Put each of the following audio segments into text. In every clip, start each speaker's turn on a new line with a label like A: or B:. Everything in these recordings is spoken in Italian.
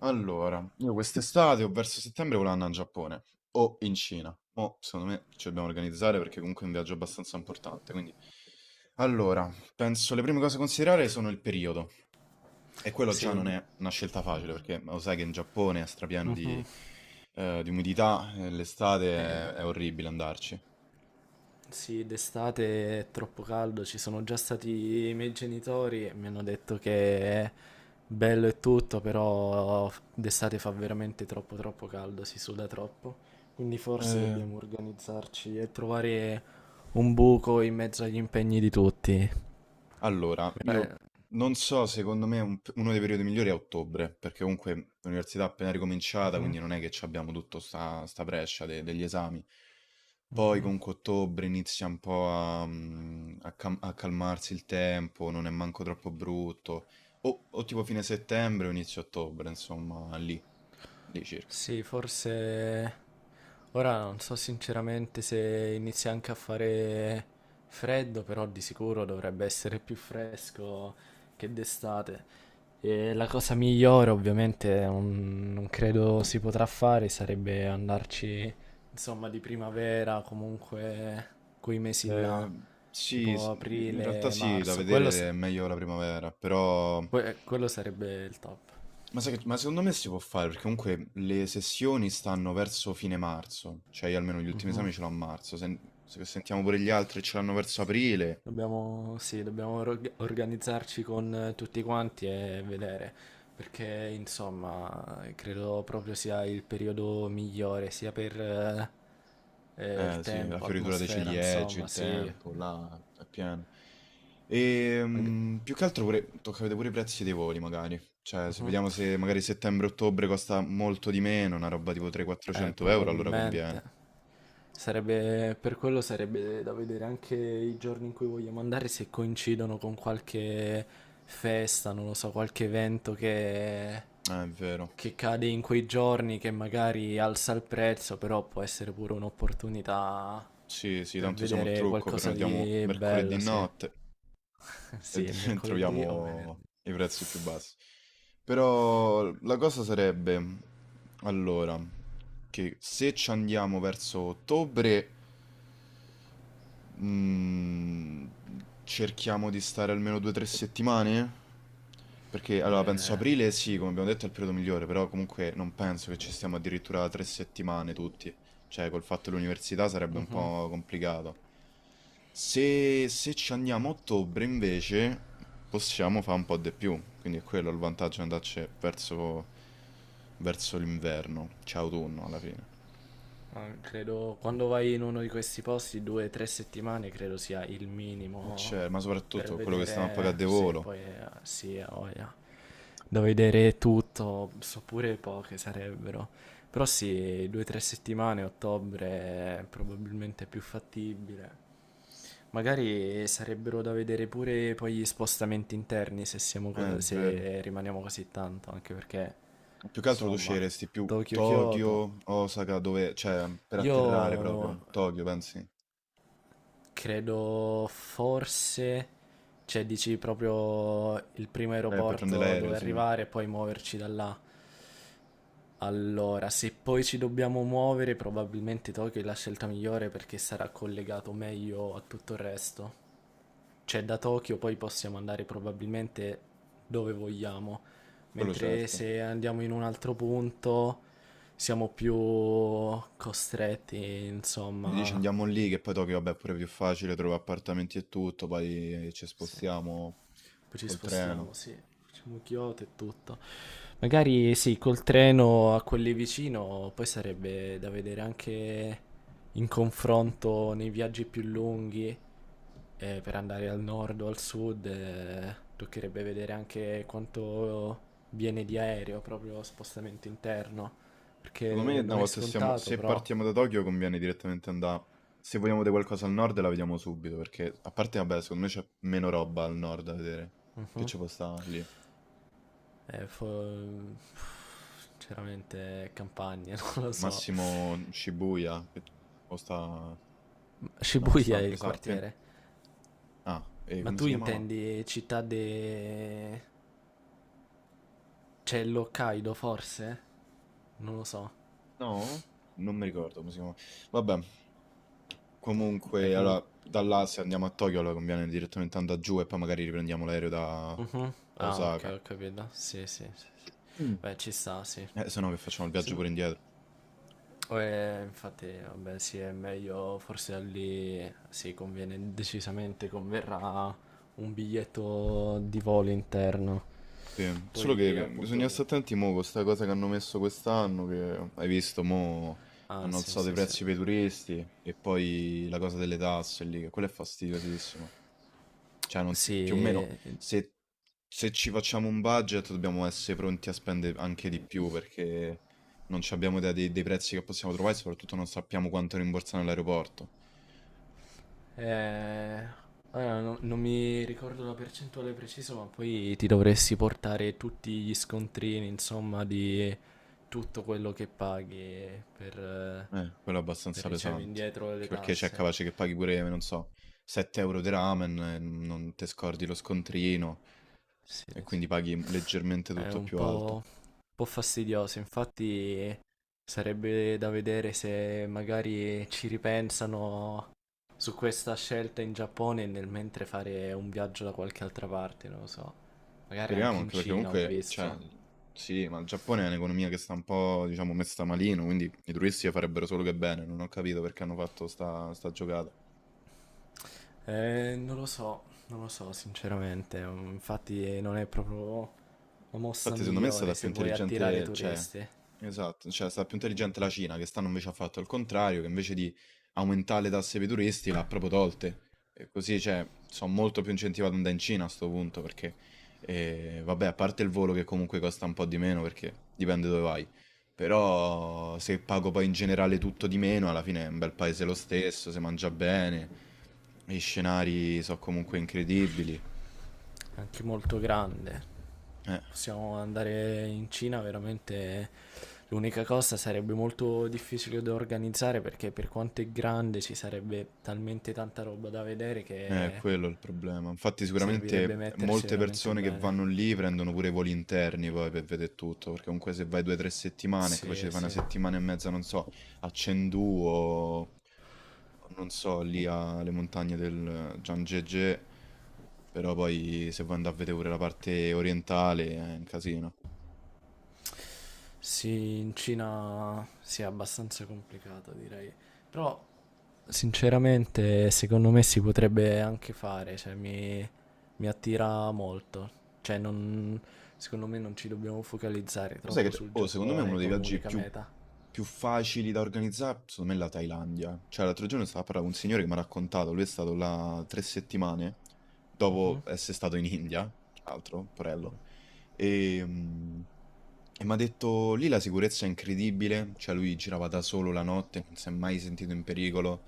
A: Allora, io quest'estate o verso settembre volevo andare in Giappone o in Cina. Mo, secondo me ci dobbiamo organizzare perché comunque è un viaggio abbastanza importante. Quindi, allora, penso le prime cose da considerare sono il periodo. E quello già
B: Sì.
A: non è una scelta facile perché lo sai che in Giappone è strapieno
B: Mhm.
A: di umidità, e l'estate
B: Eh,
A: è orribile andarci.
B: sì, d'estate è troppo caldo, ci sono già stati i miei genitori e mi hanno detto che è bello e tutto, però d'estate fa veramente troppo troppo caldo, si suda troppo. Quindi forse
A: Eh,
B: dobbiamo organizzarci e trovare un buco in mezzo agli impegni di tutti.
A: Allora, io
B: Eh,
A: non so, secondo me uno dei periodi migliori è ottobre, perché comunque l'università è appena ricominciata,
B: mhm,
A: quindi non è che ci abbiamo tutto sta brescia degli esami. Poi
B: mhm.
A: comunque ottobre inizia un po' a, a a calmarsi il tempo, non è manco troppo brutto, o tipo fine settembre o inizio ottobre, insomma, lì circa.
B: Sì, forse ora non so sinceramente se inizia anche a fare freddo, però di sicuro dovrebbe essere più fresco che d'estate. E la cosa migliore, ovviamente, non credo si potrà fare, sarebbe andarci, insomma, di primavera, comunque quei mesi
A: Eh,
B: là,
A: sì,
B: tipo
A: in realtà
B: aprile,
A: sì, da
B: marzo. Quello,
A: vedere è meglio la primavera, però...
B: quello sarebbe il top.
A: Ma sai che, ma secondo me si può fare, perché comunque le sessioni stanno verso fine marzo, cioè io almeno gli ultimi
B: Mhm.
A: esami ce l'ho a marzo, se, se sentiamo pure gli altri ce l'hanno verso aprile,
B: Dobbiamo, sì, dobbiamo organizzarci con tutti quanti e vedere, perché insomma credo proprio sia il periodo migliore, sia per
A: eh
B: il
A: sì, la
B: tempo,
A: fioritura dei
B: atmosfera,
A: ciliegi,
B: insomma,
A: il
B: sì.
A: tempo, là, è pieno. E
B: Mag-
A: più che altro pure, tocca vedere pure i prezzi dei voli magari, cioè se
B: Mhm.
A: vediamo se magari settembre-ottobre costa molto di meno, una roba tipo 300-400 euro, allora conviene.
B: Probabilmente. Sarebbe, per quello sarebbe da vedere anche i giorni in cui vogliamo andare se coincidono con qualche festa, non lo so, qualche evento che,
A: È vero,
B: che cade in quei giorni che magari alza il prezzo, però può essere pure un'opportunità
A: sì sì,
B: per
A: tanto siamo il
B: vedere
A: trucco,
B: qualcosa
A: prenotiamo
B: di
A: mercoledì
B: bello, sì.
A: notte e
B: Sì, è mercoledì o
A: troviamo
B: venerdì.
A: i prezzi più bassi. Però la cosa sarebbe, allora, che se ci andiamo verso ottobre, Mm, cerchiamo di stare almeno due o tre settimane? Perché allora penso
B: Beh,
A: aprile sì, come abbiamo detto è il periodo migliore, però comunque non penso che ci stiamo addirittura tre settimane tutti. Cioè, col fatto dell'università sarebbe un
B: mhm.
A: po' complicato. Se, se ci andiamo a ottobre invece possiamo fare un po' di più, quindi è quello il vantaggio di andarci verso, verso l'inverno, cioè autunno alla fine.
B: Ah, credo quando vai in uno di questi posti, 2 o 3 settimane credo sia il
A: E
B: minimo
A: c'è, ma
B: per
A: soprattutto quello che stiamo a pagare
B: vedere
A: di
B: se
A: volo.
B: poi sì, ha voglia. Da vedere tutto, so pure poche sarebbero. Però sì, 2 o 3 settimane, ottobre è probabilmente più fattibile. Magari sarebbero da vedere pure poi gli spostamenti interni se siamo
A: Vero.
B: se rimaniamo così tanto, anche perché
A: Più che altro tu
B: insomma,
A: sceglieresti più
B: Tokyo-Kyoto.
A: Tokyo, Osaka, dove, cioè, per
B: Io
A: atterrare proprio, Tokyo, pensi?
B: credo forse, cioè dici proprio il primo
A: Per prendere
B: aeroporto
A: l'aereo,
B: dove
A: sì,
B: arrivare e poi muoverci da là. Allora, se poi ci dobbiamo muovere, probabilmente Tokyo è la scelta migliore perché sarà collegato meglio a tutto il resto. Cioè da Tokyo poi possiamo andare probabilmente dove vogliamo,
A: quello
B: mentre
A: certo.
B: se andiamo in un altro punto siamo più costretti,
A: Mi dici
B: insomma.
A: andiamo lì, che poi Tokyo, vabbè, è pure più facile, trovo appartamenti e tutto, poi ci
B: Sì.
A: spostiamo
B: Poi ci
A: col treno.
B: spostiamo, sì. Facciamo Kyoto e tutto. Magari sì, col treno a quelli vicino, poi sarebbe da vedere anche in confronto nei viaggi più lunghi, per andare al nord o al sud, toccherebbe vedere anche quanto viene di aereo, proprio spostamento interno,
A: Secondo me,
B: perché
A: una
B: non è
A: volta siamo,
B: scontato,
A: se
B: però...
A: partiamo da Tokyo, conviene direttamente andare. Se vogliamo vedere qualcosa al nord, la vediamo subito. Perché, a parte, vabbè, secondo me c'è meno roba al nord da vedere. Che
B: Mhm.
A: ci può stare lì? Al
B: Eh, fo- Sinceramente, campagne, non lo so.
A: massimo Shibuya. Che o sta. No, sta.
B: Shibuya è
A: Mi
B: il
A: sa.
B: quartiere.
A: Ah, e
B: Ma
A: come
B: tu
A: si chiamava?
B: intendi città de. C'è l'Hokkaido forse? Non lo so.
A: No? Non mi ricordo come si chiamava. Vabbè,
B: Beh,
A: comunque,
B: comunque.
A: allora, da là se andiamo a Tokyo, allora conviene direttamente andare giù e poi magari riprendiamo l'aereo da,
B: Mhm.
A: da
B: Ah, ok,
A: Osaka.
B: ho capito. Sì, sì, sì, sì.
A: Mm.
B: Beh, ci sta, sì.
A: Se no, che facciamo il
B: Se
A: viaggio
B: no.
A: pure indietro.
B: Infatti, vabbè, sì, è meglio forse lì. Sì, conviene decisamente, converrà un biglietto di volo interno.
A: Sì, solo che
B: Poi, appunto.
A: bisogna stare attenti mo con sta cosa che hanno messo quest'anno, che hai visto, mo
B: Ah,
A: hanno
B: sì,
A: alzato i
B: sì, sì.
A: prezzi per i turisti e poi la cosa delle tasse lì, che quella è fastidiosissima. Cioè, non s- più o
B: Sì,
A: meno, se, se ci facciamo un budget dobbiamo essere pronti a spendere anche di più perché non ci abbiamo idea dei prezzi che possiamo trovare e soprattutto non sappiamo quanto rimborsare all'aeroporto.
B: Eh, allora, non mi ricordo la percentuale precisa, ma poi ti dovresti portare tutti gli scontrini, insomma, di tutto quello che paghi per, eh,
A: Quello è
B: per
A: abbastanza
B: ricevere
A: pesante.
B: indietro
A: Anche
B: le
A: perché c'è
B: tasse.
A: capace che paghi pure, non so, 7 € di ramen e non ti scordi lo scontrino
B: Sì,
A: e
B: sì.
A: quindi paghi leggermente
B: È
A: tutto più alto.
B: un po' fastidioso, infatti sarebbe da vedere se magari ci ripensano su questa scelta in Giappone e nel mentre fare un viaggio da qualche altra parte, non lo so. Magari
A: Speriamo,
B: anche in
A: anche perché
B: Cina ho
A: comunque, cioè,
B: visto.
A: sì, ma il Giappone è un'economia che sta un po', diciamo, messa malino, quindi i turisti farebbero solo che bene. Non ho capito perché hanno fatto sta giocata.
B: Non lo so, non lo so sinceramente, infatti non è proprio la mossa
A: Infatti secondo me è stata
B: migliore
A: più
B: se vuoi attirare
A: intelligente, cioè,
B: turisti.
A: esatto, cioè è stata più intelligente la Cina, che stanno invece ha fatto il contrario, che invece di aumentare le tasse per i turisti l'ha proprio tolte. E così, cioè, sono molto più incentivato ad andare in Cina a sto punto, perché, vabbè, a parte il volo che comunque costa un po' di meno, perché dipende dove vai, però se pago poi in generale tutto di meno, alla fine è un bel paese lo stesso, si mangia bene, gli scenari sono comunque incredibili.
B: Anche molto grande.
A: Eh.
B: Possiamo andare in Cina, veramente l'unica cosa sarebbe molto difficile da organizzare perché per quanto è grande ci sarebbe talmente tanta roba da vedere che
A: Quello è il problema. Infatti
B: servirebbe
A: sicuramente
B: mettersi
A: molte
B: veramente
A: persone che
B: bene.
A: vanno lì prendono pure i voli interni poi per vedere tutto, perché comunque se vai due o tre settimane è capace
B: Sì,
A: di fare una
B: sì.
A: settimana e mezza, non so, a Chengdu o non so, lì alle montagne del Zhangjiajie, però poi se vuoi andare a vedere pure la parte orientale è un casino.
B: Sì, in Cina sì, è abbastanza complicato, direi. Però sinceramente, secondo me si potrebbe anche fare, cioè mi attira molto. Cioè, secondo me non ci dobbiamo focalizzare
A: Lo sai che
B: troppo
A: c'è
B: sul
A: oh, secondo me
B: Giappone
A: uno dei
B: come
A: viaggi
B: unica meta.
A: più facili da organizzare, secondo me è la Thailandia. Cioè, l'altro giorno stavo a parlare con un signore che mi ha raccontato, lui è stato là tre settimane dopo
B: Mhm,
A: essere stato in India, tra l'altro, porello, e, e mi ha detto lì la sicurezza è incredibile, cioè lui girava da solo la notte, non si è mai sentito in pericolo,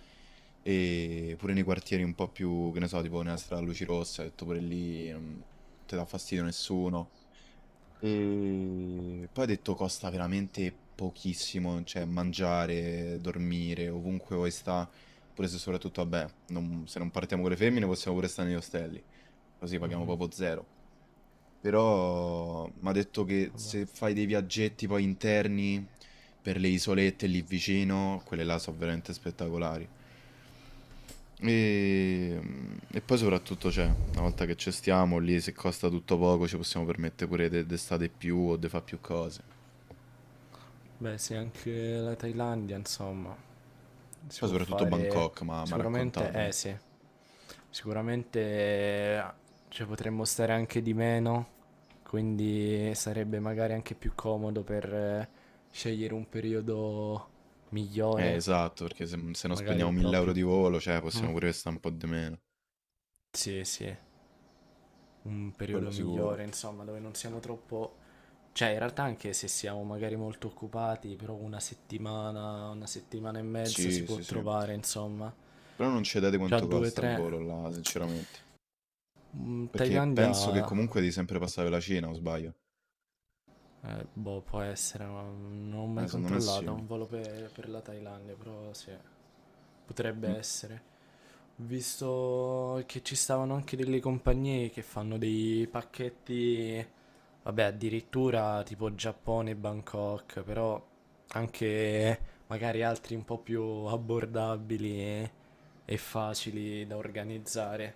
A: e pure nei quartieri un po' più, che ne so, tipo nella strada a luci rosse, ha detto pure lì non ti dà fastidio nessuno. E poi ho detto costa veramente pochissimo, cioè mangiare, dormire, ovunque vuoi sta, pure se soprattutto, vabbè, se non partiamo con le femmine possiamo pure stare negli ostelli, così paghiamo proprio zero. Però mi ha detto che
B: vabbè.
A: se fai dei viaggetti poi interni per le isolette lì vicino, quelle là sono veramente spettacolari. E, e poi soprattutto c'è, una volta che ci stiamo lì, se costa tutto poco, ci possiamo permettere pure d'estate più o di fare più cose.
B: Beh, sì, anche la Thailandia, insomma, si
A: Poi
B: può
A: soprattutto
B: fare
A: Bangkok, ma mi ha
B: sicuramente,
A: raccontato
B: eh
A: lui.
B: sì, sicuramente eh, cioè, potremmo stare anche di meno, quindi sarebbe magari anche più comodo per scegliere un periodo migliore,
A: Esatto, perché se, se non
B: magari
A: spendiamo 1000 €
B: proprio.
A: di volo, cioè
B: Mm,
A: possiamo pure stare un po' di meno.
B: sì, sì, un
A: Quello
B: periodo
A: sicuro.
B: migliore, insomma, dove non siamo troppo. Cioè, in realtà anche se siamo magari molto occupati, però una settimana e mezza si
A: Sì,
B: può
A: sì, sì.
B: trovare, insomma.
A: Però non cedete
B: Già
A: quanto
B: due,
A: costa il
B: tre.
A: volo là, sinceramente.
B: Mm,
A: Perché
B: Thailandia,
A: penso che comunque devi sempre passare per la Cina, o sbaglio?
B: boh, può essere, ma non ho mai
A: Secondo me
B: controllato
A: sì.
B: un volo per la Thailandia, però sì. Potrebbe
A: Mm.
B: essere. Ho visto che ci stavano anche delle compagnie che fanno dei pacchetti, vabbè, addirittura tipo Giappone e Bangkok, però anche magari altri un po' più abbordabili e facili da organizzare.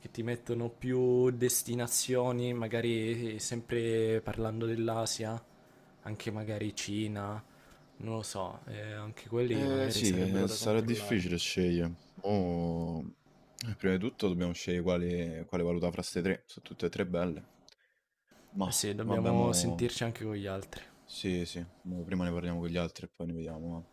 B: Che ti mettono più destinazioni, magari sempre parlando dell'Asia, anche magari Cina non lo so, anche quelli
A: Eh
B: magari
A: sì,
B: sarebbero da
A: sarà
B: controllare.
A: difficile scegliere. Mo... prima di tutto dobbiamo scegliere quale, quale valuta fra ste tre. Sono tutte e tre belle. Ma
B: Eh sì,
A: vabbè, mo...
B: dobbiamo sentirci anche con gli altri.
A: Sì, sì, mo prima ne parliamo con gli altri e poi ne vediamo. Va.